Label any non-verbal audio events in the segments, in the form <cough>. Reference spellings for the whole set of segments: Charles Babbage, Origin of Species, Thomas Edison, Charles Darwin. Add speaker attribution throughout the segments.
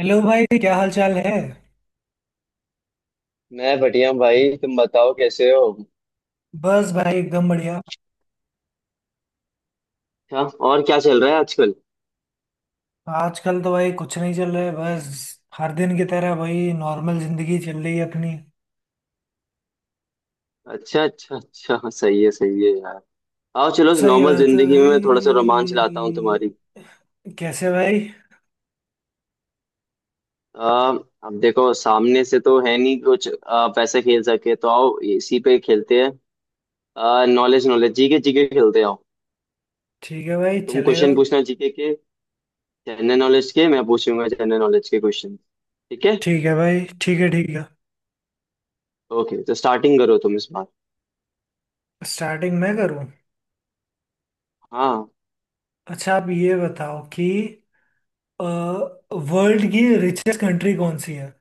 Speaker 1: Hello भाई, क्या हाल चाल है।
Speaker 2: मैं बढ़िया हूँ भाई, तुम बताओ कैसे हो।
Speaker 1: बस भाई, एकदम बढ़िया।
Speaker 2: अच्छा। और क्या चल रहा है आजकल?
Speaker 1: आजकल तो भाई कुछ नहीं चल रहा है, बस हर दिन की तरह भाई नॉर्मल जिंदगी चल रही है अपनी।
Speaker 2: अच्छा अच्छा अच्छा, हाँ, सही है यार। आओ चलो, इस
Speaker 1: सही
Speaker 2: नॉर्मल
Speaker 1: बात है
Speaker 2: जिंदगी में थोड़ा सा
Speaker 1: भाई।
Speaker 2: रोमांच लाता हूँ तुम्हारी।
Speaker 1: कैसे भाई?
Speaker 2: आ, अब देखो, सामने से तो है नहीं कुछ। पैसे खेल सके तो आओ, इसी पे खेलते हैं। नॉलेज नॉलेज जीके जीके खेलते हैं। आओ,
Speaker 1: ठीक है भाई,
Speaker 2: तुम
Speaker 1: चलेगा।
Speaker 2: क्वेश्चन पूछना जीके के, जनरल नॉलेज के। मैं पूछूंगा जनरल नॉलेज के क्वेश्चन। ठीक है।
Speaker 1: ठीक है भाई, ठीक है ठीक है।
Speaker 2: ओके, तो स्टार्टिंग करो तुम इस बार।
Speaker 1: स्टार्टिंग मैं करूं?
Speaker 2: हाँ।
Speaker 1: अच्छा, आप ये बताओ कि वर्ल्ड की रिचेस्ट कंट्री कौन सी है।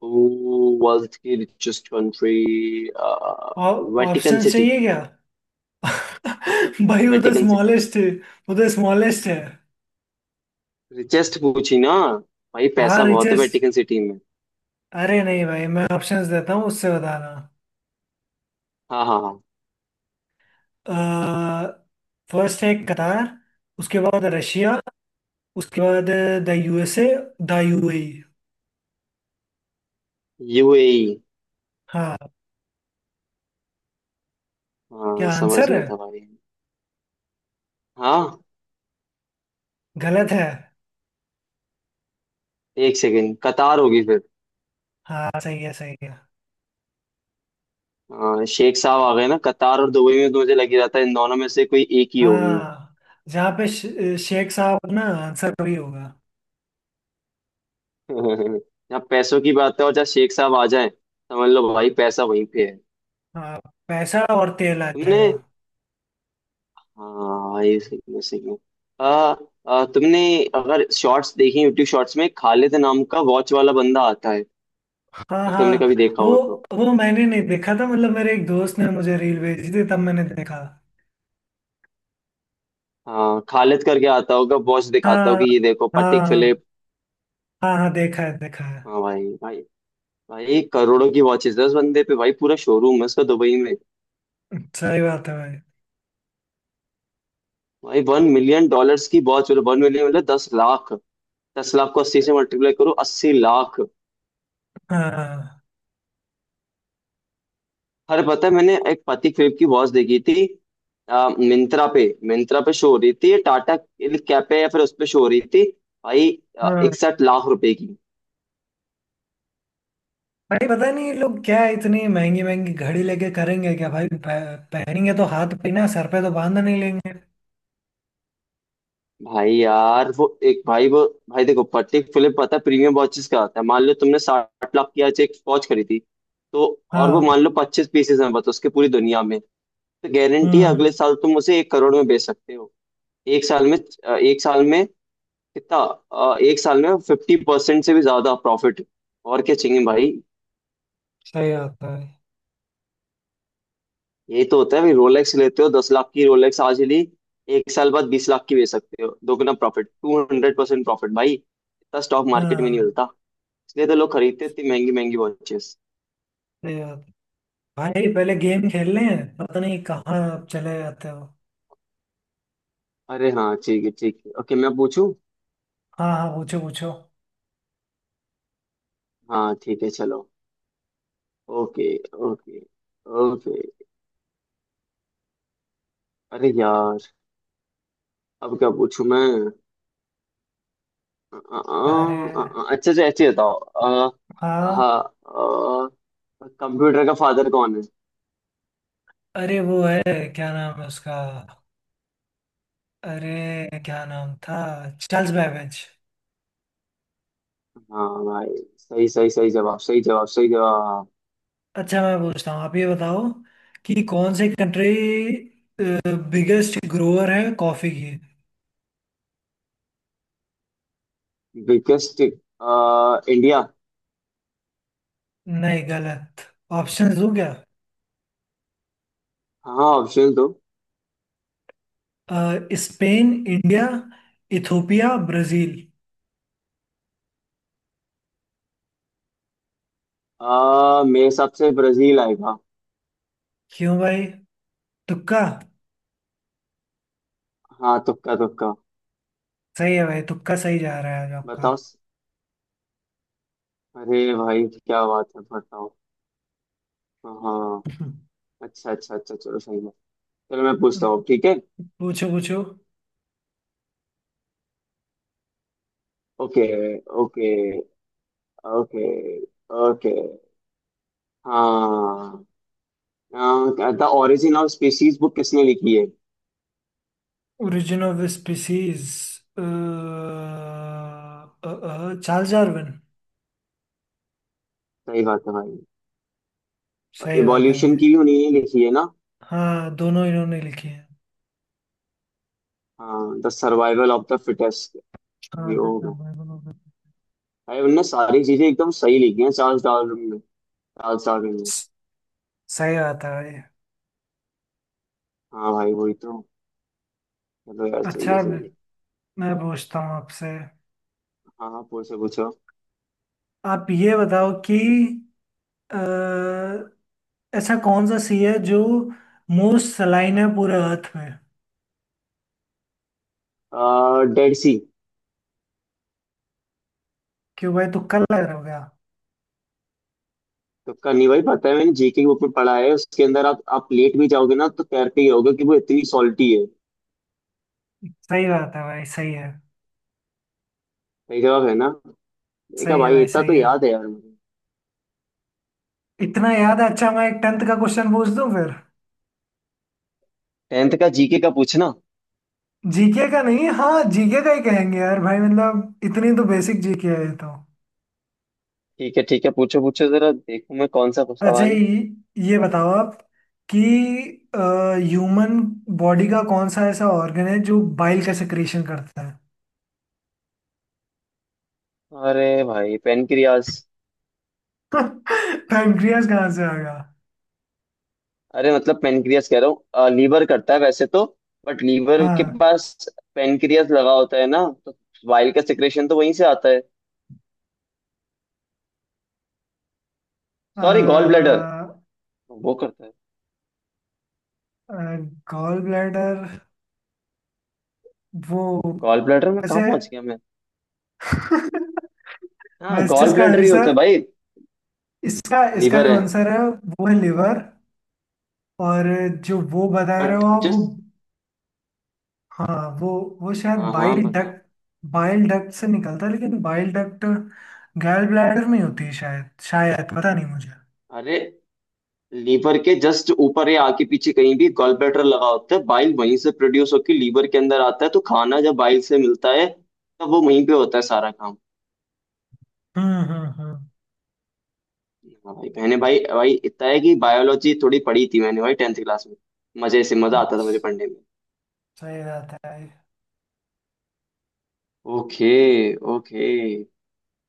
Speaker 2: Who was the richest country?
Speaker 1: और?
Speaker 2: Vatican
Speaker 1: option
Speaker 2: city.
Speaker 1: चाहिए क्या? <laughs> भाई वो तो
Speaker 2: वेटिकन सिटी।
Speaker 1: स्मॉलेस्ट है। वो तो स्मॉलेस्ट है।
Speaker 2: रिचेस्ट पूछी ना। भाई
Speaker 1: हाँ,
Speaker 2: पैसा बहुत है
Speaker 1: रिचेस्ट।
Speaker 2: वेटिकन सिटी में।
Speaker 1: अरे नहीं भाई, मैं ऑप्शंस देता हूँ, उससे बताना।
Speaker 2: हाँ हाँ हाँ।
Speaker 1: फर्स्ट है कतार। उसके बाद रशिया। उसके बाद the USA, the UAE.
Speaker 2: UAE.
Speaker 1: हाँ।
Speaker 2: हाँ,
Speaker 1: क्या
Speaker 2: समझ
Speaker 1: आंसर
Speaker 2: गया
Speaker 1: है?
Speaker 2: था भाई। हाँ,
Speaker 1: गलत है?
Speaker 2: एक सेकेंड, कतार होगी फिर।
Speaker 1: हाँ, सही है सही है।
Speaker 2: हाँ, शेख साहब आ गए ना, कतार और दुबई में तो मुझे लग ही रहा था, इन दोनों में से कोई एक ही होगी।
Speaker 1: हाँ। जहाँ पे शेख साहब ना, आंसर वही होगा।
Speaker 2: <laughs> जहाँ पैसों की बात है और जहाँ शेख साहब आ जाए, समझ लो भाई पैसा वहीं पे है।
Speaker 1: हाँ, पैसा और तेल आ
Speaker 2: तुमने
Speaker 1: जाएगा।
Speaker 2: हाँ, ये सही है सही है। आ, आ, तुमने, अगर शॉर्ट्स देखी, यूट्यूब शॉर्ट्स में खालिद नाम का वॉच वाला बंदा आता है,
Speaker 1: हाँ
Speaker 2: अगर तुमने
Speaker 1: हाँ।
Speaker 2: कभी देखा
Speaker 1: वो
Speaker 2: हो तो।
Speaker 1: वो मैंने नहीं देखा था, मतलब मेरे एक दोस्त ने मुझे रील भेजी थी, तब मैंने देखा।
Speaker 2: हाँ, खालिद करके आता होगा, वॉच दिखाता होगा
Speaker 1: हाँ
Speaker 2: कि ये देखो पटिक
Speaker 1: हाँ
Speaker 2: फिलिप।
Speaker 1: हाँ। हाँ, देखा है देखा है।
Speaker 2: हाँ भाई भाई। भाई करोड़ों की वॉचेस है उस बंदे पे, भाई पूरा शोरूम है उसका दुबई में।
Speaker 1: सही बात है भाई।
Speaker 2: भाई, $1 million की वॉच, मतलब 1 million मतलब 10 लाख। 10 लाख को 80 से मल्टीप्लाई करो, 80 लाख।
Speaker 1: हाँ।
Speaker 2: अरे पता है, मैंने एक पति क्रिप की वॉच देखी थी आ, मिंत्रा पे मिंत्रा पे शो हो रही थी, टाटा कैप पे या फिर उस पे शो हो रही थी, भाई,
Speaker 1: हाँ
Speaker 2: 61 लाख रुपए की।
Speaker 1: भाई, पता नहीं ये लोग क्या इतनी महंगी महंगी घड़ी लेके करेंगे क्या भाई, पहनेंगे तो हाथ पे ना, सर पे तो बांध नहीं लेंगे।
Speaker 2: भाई यार वो एक, भाई वो, भाई देखो, पति फिलिप पता है प्रीमियम वॉचेस का आता है। मान लो तुमने 60 लाख की आज एक वॉच खरीदी थी, तो, और वो
Speaker 1: हाँ।
Speaker 2: मान लो 25 पीसेस हैं बस उसके पूरी दुनिया में, तो गारंटी है
Speaker 1: हम्म।
Speaker 2: अगले साल तुम उसे 1 करोड़ में बेच सकते हो। एक साल में। एक साल में कितना, एक साल में 50% से भी ज्यादा प्रॉफिट। और क्या चाहिए भाई।
Speaker 1: सही बात है भाई।
Speaker 2: यही तो होता है भाई, रोलेक्स लेते हो 10 लाख की, रोलेक्स आज ही ली, एक साल बाद 20 लाख की बेच सकते हो, दोगुना प्रॉफिट, 200% प्रॉफिट भाई। इतना स्टॉक मार्केट में नहीं
Speaker 1: हाँ।
Speaker 2: मिलता। इसलिए तो लोग खरीदते हैं इतनी महंगी महंगी वॉचेस।
Speaker 1: सही बात है। भाई पहले गेम खेल लें, पता नहीं कहाँ चले जाते हो।
Speaker 2: अरे हाँ, ठीक है ठीक है, ओके मैं पूछूं।
Speaker 1: हाँ हाँ, पूछो पूछो।
Speaker 2: हाँ ठीक है, चलो। Okay okay okay. अरे यार, अब क्या पूछूं मैं? अ, अ,
Speaker 1: अरे
Speaker 2: अच्छा अच्छा ऐसे बताओ।
Speaker 1: हाँ।
Speaker 2: हाँ, कंप्यूटर का फादर कौन है?
Speaker 1: अरे वो है, क्या नाम है उसका? अरे क्या नाम था? Charles Babbage.
Speaker 2: हाँ भाई, सही सही, सही जवाब सही जवाब सही जवाब।
Speaker 1: अच्छा, मैं पूछता हूँ, आप ये बताओ कि कौन सी कंट्री बिगेस्ट ग्रोअर है कॉफी की।
Speaker 2: Biggest India.
Speaker 1: नहीं, गलत। ऑप्शंस दूं क्या?
Speaker 2: हाँ, ऑप्शन दो।
Speaker 1: अ, स्पेन, इंडिया, इथोपिया, ब्राजील।
Speaker 2: मेरे हिसाब से ब्राजील आएगा।
Speaker 1: क्यों भाई, तुक्का?
Speaker 2: हाँ, तुक्का तुक्का।
Speaker 1: सही है भाई, तुक्का सही जा रहा है आज आपका।
Speaker 2: बताओ। अरे भाई क्या बात है, बताओ। हाँ।
Speaker 1: <laughs>
Speaker 2: अच्छा अच्छा अच्छा, चलो सही है। चलो मैं पूछता हूँ, ठीक है।
Speaker 1: पूछो पूछो।
Speaker 2: Okay okay okay okay. हाँ। The origin of species book किसने लिखी है?
Speaker 1: Origin of species. Charles Darwin.
Speaker 2: सही बात है भाई।
Speaker 1: सही बात है
Speaker 2: इवोल्यूशन
Speaker 1: भाई।
Speaker 2: की भी उन्हीं ने लिखी है ना?
Speaker 1: हाँ, दोनों इन्होंने लिखी है।
Speaker 2: हाँ, the survival of the fittest. ये
Speaker 1: हाँ।
Speaker 2: हो गया। भाई उनने सारी चीजें एकदम सही लिखी हैं, चार्ल्स डार्विन ने, चार्ल्स डार्विन ने।
Speaker 1: सही बात है भाई।
Speaker 2: हाँ भाई वही तो। चलो यार, सही है
Speaker 1: अच्छा, मैं
Speaker 2: सही है।
Speaker 1: मैं पूछता हूँ आपसे।
Speaker 2: हाँ हाँ, पूछो पूछो।
Speaker 1: आप ये बताओ कि अ, ऐसा कौन सा सी है जो मोस्ट सलाइन है पूरे अर्थ में।
Speaker 2: डेड सी।
Speaker 1: क्यों भाई, तुक्का लग रहा होगा?
Speaker 2: तुक्का नहीं भाई, पता है, मैंने जीके की बुक में पढ़ा है, उसके अंदर आप लेट भी जाओगे ना तो तैर के गिरोगे, कि वो इतनी सॉल्टी है।
Speaker 1: सही बात है भाई, सही है।
Speaker 2: सही जवाब है ना? देखा
Speaker 1: सही है
Speaker 2: भाई,
Speaker 1: भाई,
Speaker 2: इतना
Speaker 1: सही
Speaker 2: तो
Speaker 1: है।
Speaker 2: याद है यार मुझे।
Speaker 1: इतना याद है। अच्छा मैं एक टेंथ का क्वेश्चन पूछ दूं फिर।
Speaker 2: टेंथ का जीके का पूछना।
Speaker 1: जीके का नहीं, हाँ जीके का ही कहेंगे यार भाई, मतलब इतनी तो बेसिक जीके है ये तो।
Speaker 2: ठीक है ठीक है, पूछो पूछो, जरा देखूं मैं कौन सा
Speaker 1: अच्छा
Speaker 2: सवाल है।
Speaker 1: ये बताओ आप कि ह्यूमन बॉडी का कौन सा ऐसा ऑर्गन है जो बाइल का सेक्रेशन करता है।
Speaker 2: अरे भाई, पेनक्रियास।
Speaker 1: <laughs> पैंक्रियास कहाँ से आ गया?
Speaker 2: अरे मतलब पेनक्रियास कह रहा हूँ, लीवर करता है वैसे तो, बट लीवर के
Speaker 1: हाँ,
Speaker 2: पास पेनक्रियास लगा होता है ना, तो वाइल का सिक्रेशन तो वहीं से आता है। सॉरी, गॉल ब्लैडर वो करता है।
Speaker 1: गॉल ब्लैडर, वो।
Speaker 2: गॉल ब्लैडर में कहाँ
Speaker 1: वैसे,
Speaker 2: पहुंच गया
Speaker 1: <laughs>
Speaker 2: मैं। हाँ,
Speaker 1: वैसे
Speaker 2: गॉल
Speaker 1: इसका
Speaker 2: ब्लैडर ही होता
Speaker 1: आंसर,
Speaker 2: है भाई।
Speaker 1: इसका इसका
Speaker 2: लीवर
Speaker 1: जो
Speaker 2: है,
Speaker 1: आंसर है वो है लिवर। और जो वो बता रहे हो
Speaker 2: बट
Speaker 1: आप, वो।
Speaker 2: जस्ट।
Speaker 1: हाँ, वो शायद
Speaker 2: हाँ हाँ,
Speaker 1: बाइल
Speaker 2: बताओ।
Speaker 1: डक्ट। बाइल डक्ट से निकलता है, लेकिन बाइल डक्ट, गैल ब्लैडर में होती है शायद, शायद पता नहीं मुझे।
Speaker 2: अरे, लीवर के जस्ट ऊपर या आगे पीछे कहीं भी गॉल ब्लैडर लगा होता है, बाइल वहीं से प्रोड्यूस होकर लीवर के अंदर आता है, तो खाना जब बाइल से मिलता है तब वो वहीं पे होता है सारा काम।
Speaker 1: हम्म।
Speaker 2: हाँ भाई, मैंने भाई भाई इतना है कि बायोलॉजी थोड़ी पढ़ी थी मैंने, भाई टेंथ क्लास में। मजे से, मजा आता था मुझे पढ़ने में।
Speaker 1: सही बात है।
Speaker 2: Okay okay.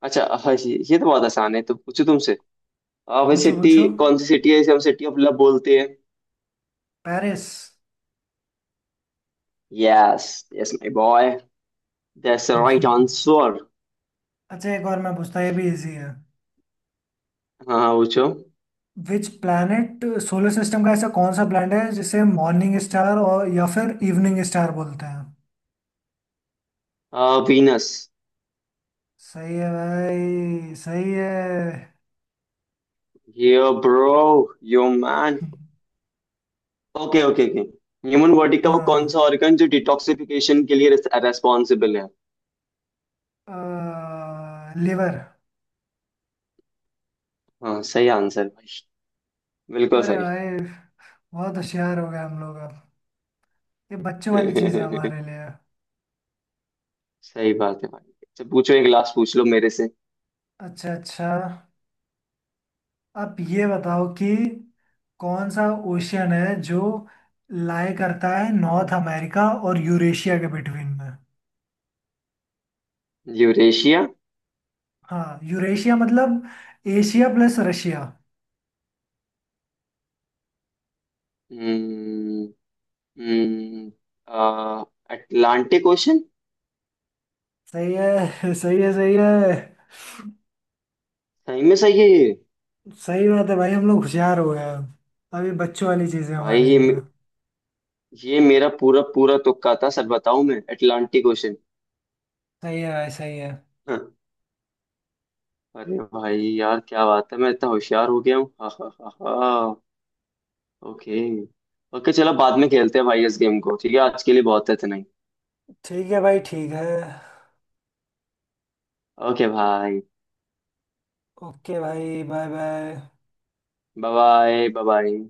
Speaker 2: अच्छा हाँ, ये तो बहुत आसान है, तो पूछो तुमसे। भाई
Speaker 1: पूछो
Speaker 2: सिटी,
Speaker 1: पूछो।
Speaker 2: कौन सी सिटी है इसे हम सिटी ऑफ लव बोलते हैं?
Speaker 1: Paris.
Speaker 2: Yes. Yes my boy, that's the right
Speaker 1: <laughs>
Speaker 2: answer.
Speaker 1: अच्छा एक और मैं पूछता, ये भी इजी है।
Speaker 2: हाँ हाँ, पूछो।
Speaker 1: विच प्लैनेट, सोलर सिस्टम का ऐसा कौन सा प्लैनेट है जिसे मॉर्निंग स्टार और या फिर इवनिंग स्टार बोलते हैं?
Speaker 2: वीनस।
Speaker 1: सही है भाई, सही है।
Speaker 2: Yo bro, yo man. Okay okay okay. Human body का वो कौन सा
Speaker 1: हाँ,
Speaker 2: ऑर्गन जो डिटॉक्सिफिकेशन के लिए रेस्पॉन्सिबल है?
Speaker 1: लिवर।
Speaker 2: हाँ, सही आंसर भाई, बिल्कुल
Speaker 1: अरे
Speaker 2: सही।
Speaker 1: भाई,
Speaker 2: <laughs>
Speaker 1: बहुत होशियार हो गए हम लोग अब। ये बच्चों वाली चीज है हमारे लिए।
Speaker 2: सही बात है भाई। अच्छा पूछो, एक लास्ट पूछ लो मेरे से।
Speaker 1: अच्छा अच्छा, आप ये बताओ कि कौन सा ओशियन है जो लाई करता है नॉर्थ अमेरिका और यूरेशिया के बिटवीन में।
Speaker 2: यूरेशिया।
Speaker 1: हाँ, यूरेशिया मतलब एशिया प्लस रशिया।
Speaker 2: हम्म हम्म, आ, अटलांटिक ओशन।
Speaker 1: सही है, <laughs> सही है सही है।
Speaker 2: सही में सही है ये।
Speaker 1: सही बात है भाई, हम लोग होशियार हो गए अब। अभी बच्चों वाली चीज है
Speaker 2: भाई
Speaker 1: हमारे लिए।
Speaker 2: ये मेरा पूरा पूरा तुक्का था सर, बताऊं मैं, अटलांटिक ओशन।
Speaker 1: सही है भाई, सही है।
Speaker 2: <laughs> अरे भाई यार, क्या बात है, मैं इतना होशियार हो गया हूँ, हा हा हा हा। ओके। ओके, चलो बाद में खेलते हैं भाई इस गेम को, ठीक है, आज के लिए बहुत है इतना ही।
Speaker 1: ठीक है भाई, ठीक है।
Speaker 2: ओके भाई,
Speaker 1: ओके भाई, bye bye.
Speaker 2: Bye bye bye.